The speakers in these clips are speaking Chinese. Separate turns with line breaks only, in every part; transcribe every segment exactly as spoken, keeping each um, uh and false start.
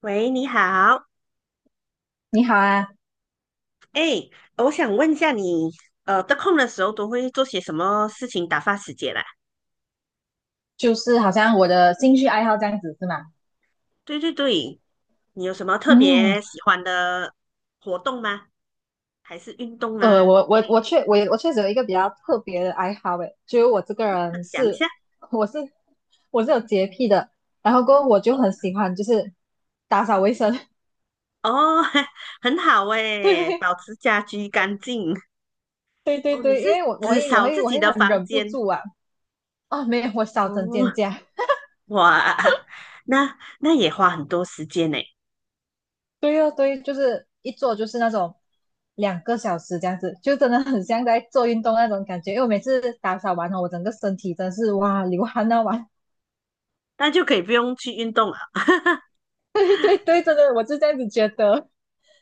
喂，你好，
你好啊。
哎，我想问一下你，呃，得空的时候都会做些什么事情打发时间啦？
就是好像我的兴趣爱好这样子是吗？
对对对，你有什么特
嗯，
别喜欢的活动吗？还是运动啊
呃，
之
我我
类的？
我确我我确实有一个比较特别的爱好诶，就是我这个
分
人
享一
是，
下
我是我是有洁癖的，然后过后我就
哦，
很喜欢就是打扫卫生。
哦，很好 哎，
对
保持家居干净。
对对
哦，你
对，
是
因为我我
只
会我
扫
会
自
我
己
会
的
很
房
忍不
间
住啊。啊，没有，我扫整间
哦，
家。
哇，那那也花很多时间呢，
对哦，对，就是一坐就是那种两个小时这样子，就真的很像在做运动那种感觉。因为我每次打扫完后，我整个身体真的是哇流汗到完。
那就可以不用去运动了。
对对对，真的我是这样子觉得。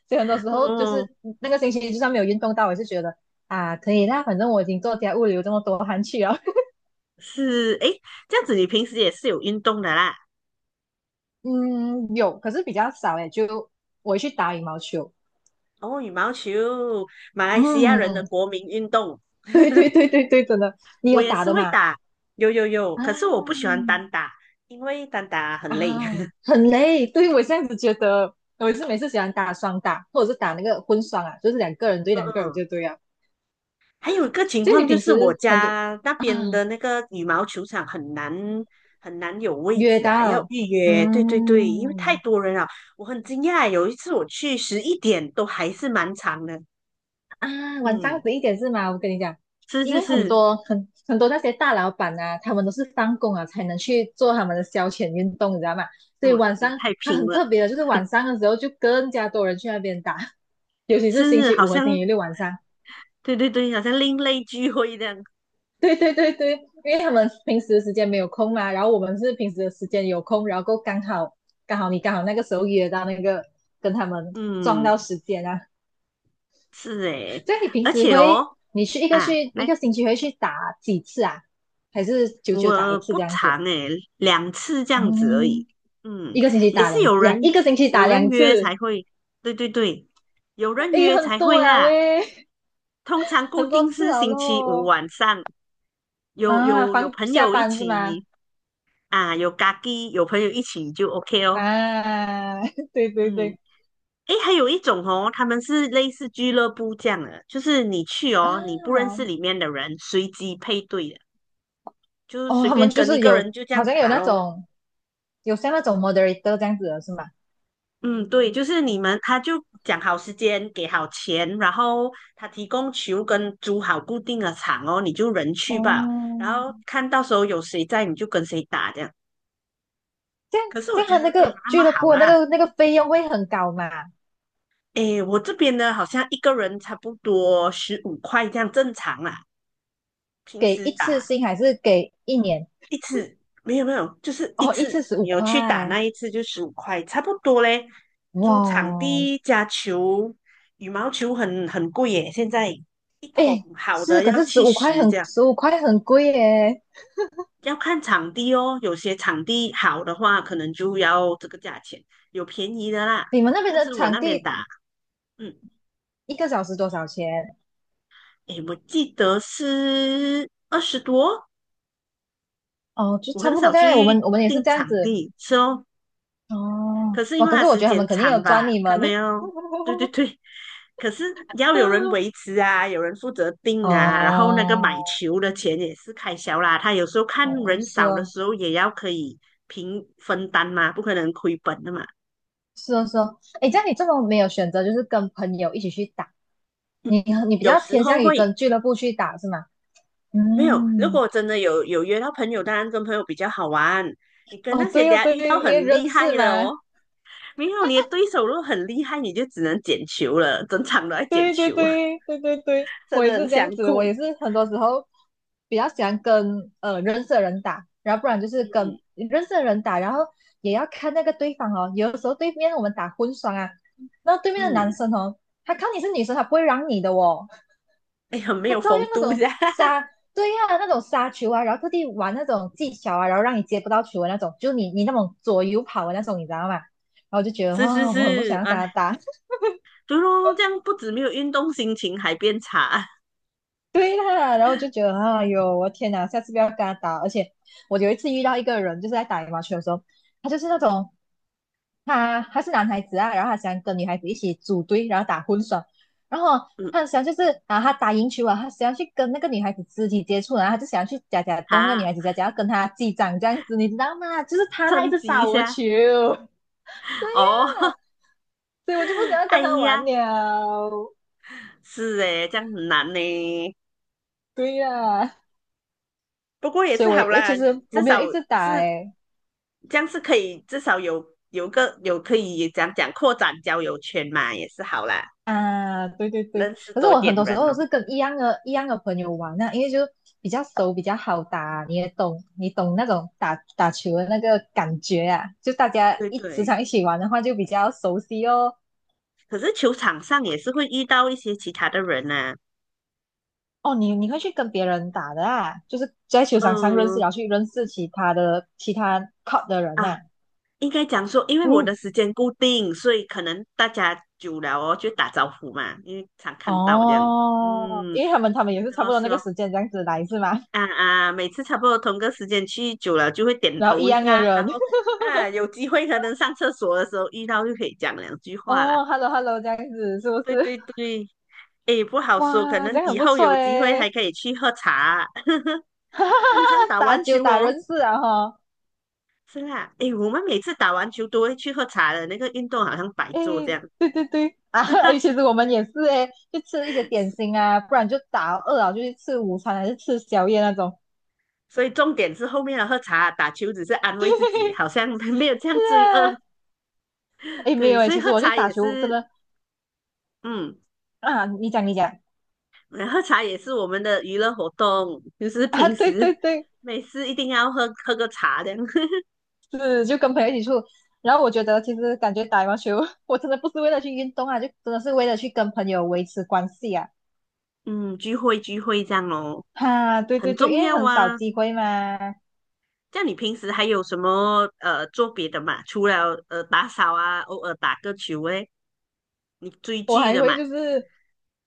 所以很多时候就
哦，
是那个星期就算没有运动到，我也是觉得啊可以啦，反正我已经做家务流这么多汗去了。
是，诶，这样子你平时也是有运动的啦。
嗯，有，可是比较少诶，就我会去打羽毛球。
哦，羽毛球，马来西亚人的
嗯，
国民运动。
对对对 对，真的，你
我
有
也
打
是
的
会
嘛？
打，有有有，
啊，
可是我不喜欢单打，因为单打很
啊，
累。
很累。对，我这样子觉得，我是每次喜欢打双打，或者是打那个混双啊，就是两个人对
嗯
两个人
嗯，
就对啊。
还有一个情
就你
况就
平
是我
时很多
家那边的那个羽毛球场很难很难有位
约
置啊，要
到，
预约。对对对，因为太
嗯
多人了，我很惊讶。有一次我去十一点都还是蛮长的。
啊，晚上
嗯，
十一点是吗？我跟你讲，
是
因
是
为很
是，
多很很多那些大老板啊，他们都是放工啊才能去做他们的消遣运动，你知道吗？所
哇，
以晚
也
上
太
他
拼
很
了。
特别的，就是晚上的时候就更加多人去那边打。尤其是星
是
期
好
五和星
像
期六晚上。
对对对，好像另类聚会这样。
对对对对，因为他们平时的时间没有空嘛，然后我们是平时的时间有空，然后够刚好刚好你刚好那个时候约到，那个跟他们撞
嗯，
到时间啊。
是诶，
所以你平
而
时
且
会，
哦，
你去一个
啊，
去一
来，
个星期会去打几次啊？还是久久打
我
一次
不
这样子？
长诶，两次这样子而已。
嗯，
嗯，
一个星期
也
打
是
两
有
两，
人
一个星期
有
打
人
两
约
次，
才会，对对对，有人
诶，
约
很
才会
多啊
啦。
喂，
通常固
很多
定
次
是
啊
星期五
咯。
晚上，有
啊，
有有
放
朋
下
友一
班是吗？
起啊，有咖喱，有朋友一起就 OK 哦。
啊，对对
嗯。
对。
诶，还有一种哦，他们是类似俱乐部这样的，就是你去哦，你不认识
啊，
里面的人，随机配对的，就是
哦，
随
他们
便
就
跟一
是
个人
有，
就这
好
样
像有
打
那
咯。
种，有像那种 moderator 这样子的是吗？
嗯，对，就是你们，他就讲好时间，给好钱，然后他提供球跟租好固定的场哦，你就人去吧，
哦，
然后看到时候有谁在，你就跟谁打这样。
这样
可是
这
我
样，
觉
他
得
那
没有
个
那么
俱乐
好
部的那
啦，
个那个费用会很高嘛？
诶，我这边呢，好像一个人差不多十五块这样正常啦，平
给
时
一次
打。
性还是给一年？
一次没有没有，就是一
哦，一
次
次十五
你有去打
块，
那一次就十五块，差不多嘞。
哇
租场
哦。
地加球，羽毛球很很贵耶，现在一
诶，
桶好的
是，可
要
是十
七
五块
十这
很
样，
十五块很贵耶。
要看场地哦。有些场地好的话，可能就要这个价钱，有便宜的啦。
你们那边
但
的
是我
场
那边
地
打，嗯，
一个小时多少钱？
诶，我记得是二十多，
哦，就
我
差
很
不多
少
这
去
样，我们我们也是
订
这样
场
子。
地，是哦，可
哦，
是因
哇，
为
可
它
是我
时
觉得他
间
们肯定有
长
赚
吧，
你
还
们。
没有，对对对，可是要有人维 持啊，有人负责订啊，然后那个买
哦，
球的钱也是开销啦。他有时候看
哦，
人
是
少的
哦，
时候也要可以平分担嘛，不可能亏本的嘛。
是哦，是哦。哎，这
嗯
样你这么没有选择，就是跟朋友一起去打。你
嗯，
你比
有
较
时
偏
候
向于跟
会
俱乐部去打是吗？
没有，如
嗯，
果真的有有约到朋友，当然跟朋友比较好玩。你跟
哦，
那些
对
等
哦，
下
对，
遇到
因为
很
认
厉
识
害的
嘛。
哦，没有你的对手如果很厉害，你就只能捡球了，整场都在捡
对对
球，
对对对对，
真
我也
的很
是这样
想
子，我
哭。
也是很多时候比较喜欢跟呃认识的人打，然后不然就是
嗯。
跟认识的人打，然后也要看那个对方哦。有的时候对面我们打混双啊，那对面的男
嗯，
生 哦，他看你是女生，他不会让你的哦。
哎，很没
他
有
照样
风
那
度
种
噻，
杀，对呀、那种杀球啊，然后特地玩那种技巧啊，然后让你接不到球的那种，就你你那种左右跑的那种，你知道吗？然后就觉得
是是
啊、我很不想
是，
要跟
哎，
他打。
对咯，这样不止没有运动，心情还变差，
对啦，然后就觉得哎呦，我天哪，下次不要跟他打。而且我有一次遇到一个人，就是在打羽毛球的时候，他就是那种，他他是男孩子啊，然后他想跟女孩子一起组队，然后打混双，然 后
嗯，
他想就是啊，他打赢球啊，他想要去跟那个女孩子肢体接触，然后他就想要去夹夹
哈，
动那个女孩子夹夹，假假要跟她击掌这样子，你知道吗？就是他，他一
趁
直
机一
杀我球。
下，
对
哦，
呀、啊 所以我就不想要跟
哎
他玩
呀，
了。
是诶，这样很难呢，
对呀、啊
不过也
所
是
以我
好
我
啦，
其实
你
我
至
没有
少
一直打
是
诶、欸
这样是可以，至少有有个有可以讲讲扩展交友圈嘛，也是好啦，
啊，对对对，
认识
可是
多
我很
点
多时
人
候
哦，
是跟一样的、一样的朋友玩啊，因为就比较熟、比较好打，你也懂，你懂那种打打球的那个感觉啊，就大家
对
一时
对，
常一起玩的话，就比较熟悉哦。
可是球场上也是会遇到一些其他的人呐、
哦，你你会去跟别人打的啊，就是在球场上认识，
嗯。
然后去认识其他的其他 court 的人
啊，
呐、
应该讲说，因为我的
嗯，
时间固定，所以可能大家久了哦，就打招呼嘛，因为常看到这样。
哦，
嗯，
因为他们他们也是
是
差不
咯
多
是
那个
咯，
时间这样子来是吗？
啊啊，每次差不多同个时间去久了，就会 点
然后一
头一
样的
下，然
人。
后啊，有机会可能上厕所的时候遇到就可以讲两句 话啦。
哦，hello hello 这样子是不
对
是？
对对，诶，不好说，可
哇，这
能
样很
以
不
后
错
有机会还
诶。
可以去喝茶。
哈哈
通常
哈，
打
打
完
球
球
打
哦，
人识啊哈。
是啦，诶，我们每次打完球都会去喝茶的，那个运动好像白做这
诶，
样。
对对对，啊，诶，其 实我们也是诶，就吃一些点心啊，不然就打饿了就去吃午餐还是吃宵夜那种。
所以重点是后面的喝茶打球只是安慰自己，好像 没有这
是
样罪恶。
啊。诶，没
对，
有诶，
所以
其实
喝
我去
茶
打
也
球真
是，
的。
嗯，
啊，你讲你讲，
喝茶也是我们的娱乐活动，就是
啊，
平
对
时
对对，
每次一定要喝喝个茶这样，
是就跟朋友一起出，然后我觉得其实感觉打羽毛球，我真的不是为了去运动啊，就真的是为了去跟朋友维持关系啊。
嗯，聚会聚会这样咯，
哈、对
很
对对，
重
因为
要
很少
啊。
机会嘛。
这样你平时还有什么呃做别的嘛？除了呃打扫啊，偶尔打个球诶，你追
我
剧
还
的嘛，
会就是，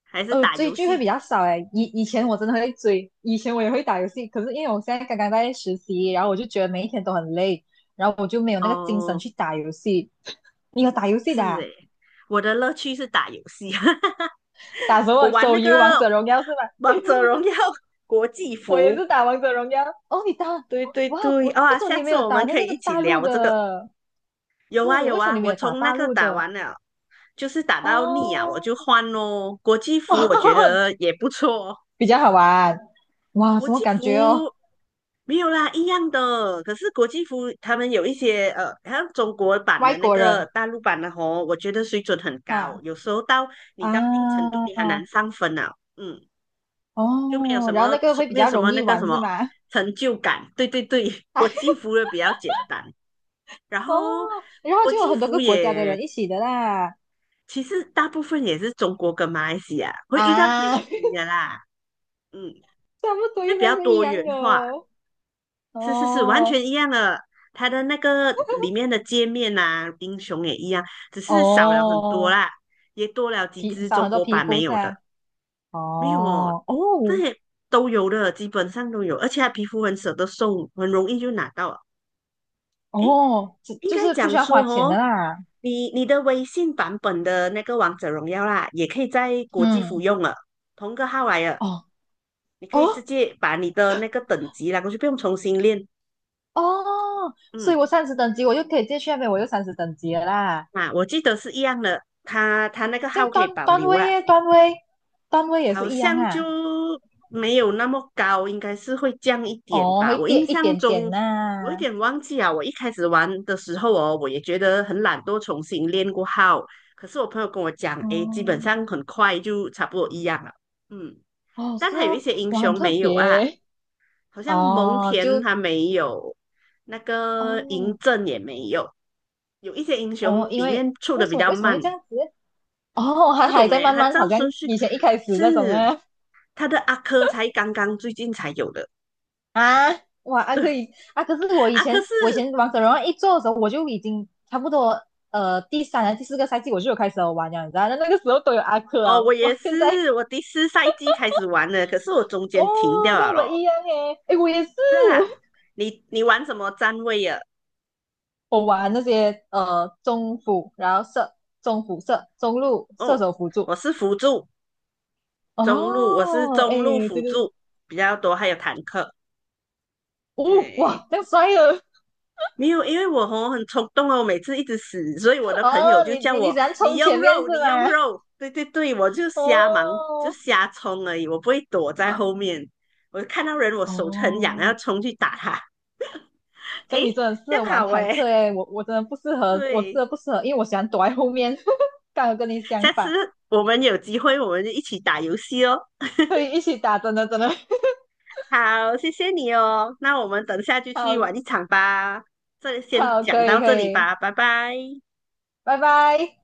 还是
呃，
打
追
游
剧会
戏？
比较少哎。以以前我真的会追，以前我也会打游戏，可是因为我现在刚刚在实习，然后我就觉得每一天都很累，然后我就没有那个精神
哦，
去打游戏。你有打游戏的
是
啊。
诶，我的乐趣是打游戏。
打什
我
么？
玩
手
那
游《王
个
者荣耀》是吧？
王者荣耀国际
我也
服，
是打《王者荣耀》。哦，你打？哦
对对
哇，
对，
国，为
哇，
什么
下
你没
次
有
我
打
们
那
可以
个
一起
大陆
聊这个。
的？
有啊
是，
有
为什么
啊，
你没
我
有打
从那
大
个
陆
打
的？
完了，就是打到腻啊，我就
哦，
换咯。国际服我觉 得也不错哦，
比较好玩。哇，
国
什么
际
感觉哦？
服没有啦，一样的。可是国际服他们有一些呃，好像中国版
外
的那
国
个
人
大陆版的吼，我觉得水准很高，
哈。
有时候到你到一定程度
啊，
你很难上分啊。嗯，就没有
哦，
什
然后
么
那个会比
没有
较
什
容
么那
易
个什
玩是
么
吗？
成就感。对对对，国际 服也比较简单，然
哦，
后
然后
国
就有
际
很多
服
个国家的
也
人一起的啦。
其实大部分也是中国跟马来西亚会遇到一些
啊，差
印尼的啦，嗯，
不多
就
应
比
该
较
是一
多元
样
化。
的。
是是是，完
哦
全一样的。它的那个里面的界面啊，英雄也一样，只是少了很多
哦，
啦，也多了几
皮
只
少
中
很多
国
皮
版没
肤
有的。
噻。
没有哦，
哦
那
哦
些都有的，基本上都有，而且它皮肤很舍得送，很容易就拿到了。
哦，就
应
就
该
是不需
讲
要
说
花钱的
哦，
啦。
你你的微信版本的那个王者荣耀啦，也可以在国际服
嗯，
用了，同个号来了，
哦
你可以直
哦
接把你的那个等级啦，过去不用重新练。
哦，所以
嗯，
我三十等级，我就可以直接去那边，我就三十等级了啦。
啊，我记得是一样的，他他那个
这
号
样
可以
段
保
段
留
位
啊，
耶，段位段位也是
好
一样
像就
啊。
没有那么高，应该是会降一点
哦，
吧。
会
我
点
印
一
象
点点
中，我有
呐、
点忘记啊。我一开始玩的时候哦，我也觉得很懒惰，重新练过号。可是我朋友跟我讲，诶，基本
哦，
上很快就差不多一样了。嗯，
哦，
但
是
还有一
哦，
些英
哇，很
雄
特
没有啊，
别
好像蒙
哦，
恬
就
他没有，那个嬴
哦
政也没有，有一些英
哦，
雄
因
里
为
面出
为
的
什
比
么
较
为什么
慢，
会这样子？哦，还
不
还
懂
在
诶，
慢
他
慢，
照
好像
顺序
以前一开始那种
是。
啊
他的阿珂才刚刚最近才有的。
啊，哇，啊
对，
可 以啊，可是我以
阿珂
前我以
是
前王者荣耀一做的时候，我就已经差不多，呃第三啊第四个赛季我就有开始有玩了，你知道，那那个时候都有阿克啊，
哦，我也
哇，现在
是，我第四赛季开始玩的，可是我中间停掉
哦，这样
了
我们一
咯。
样诶。诶，我也是，
是啊，你你玩什么站位呀？
我玩那些呃中辅，然后射中辅射中路射
哦，
手辅助。
我是辅助中路，我是
哦，哎，
中路辅
对对，
助比较多，还有坦克。
哦，
嗯，
哇，这样帅了。
没有，因为我吼很冲动哦，我每次一直死，所以我 的朋友
哦，
就
你
叫
你你
我
喜欢
你
冲
用
前面是
肉，你用
吗？
肉，对对对，我就瞎忙，就
哦
瞎冲而已，我不会躲在后面，我看到人我手就很痒，要
哦，
后冲去打他，
这样你
诶，
真的适
这样
合玩
好
坦
诶，
克哎，我我真的不适合，我真
对，
的不适合，因为我喜欢躲在后面。刚好跟你相
下次
反，
我们有机会我们就一起打游戏哦。
可以一起打，真的真的
好，谢谢你哦，那我们等下就去
好
玩一场吧，这先
好，
讲
可
到
以可
这里
以，
吧，拜拜。
拜拜。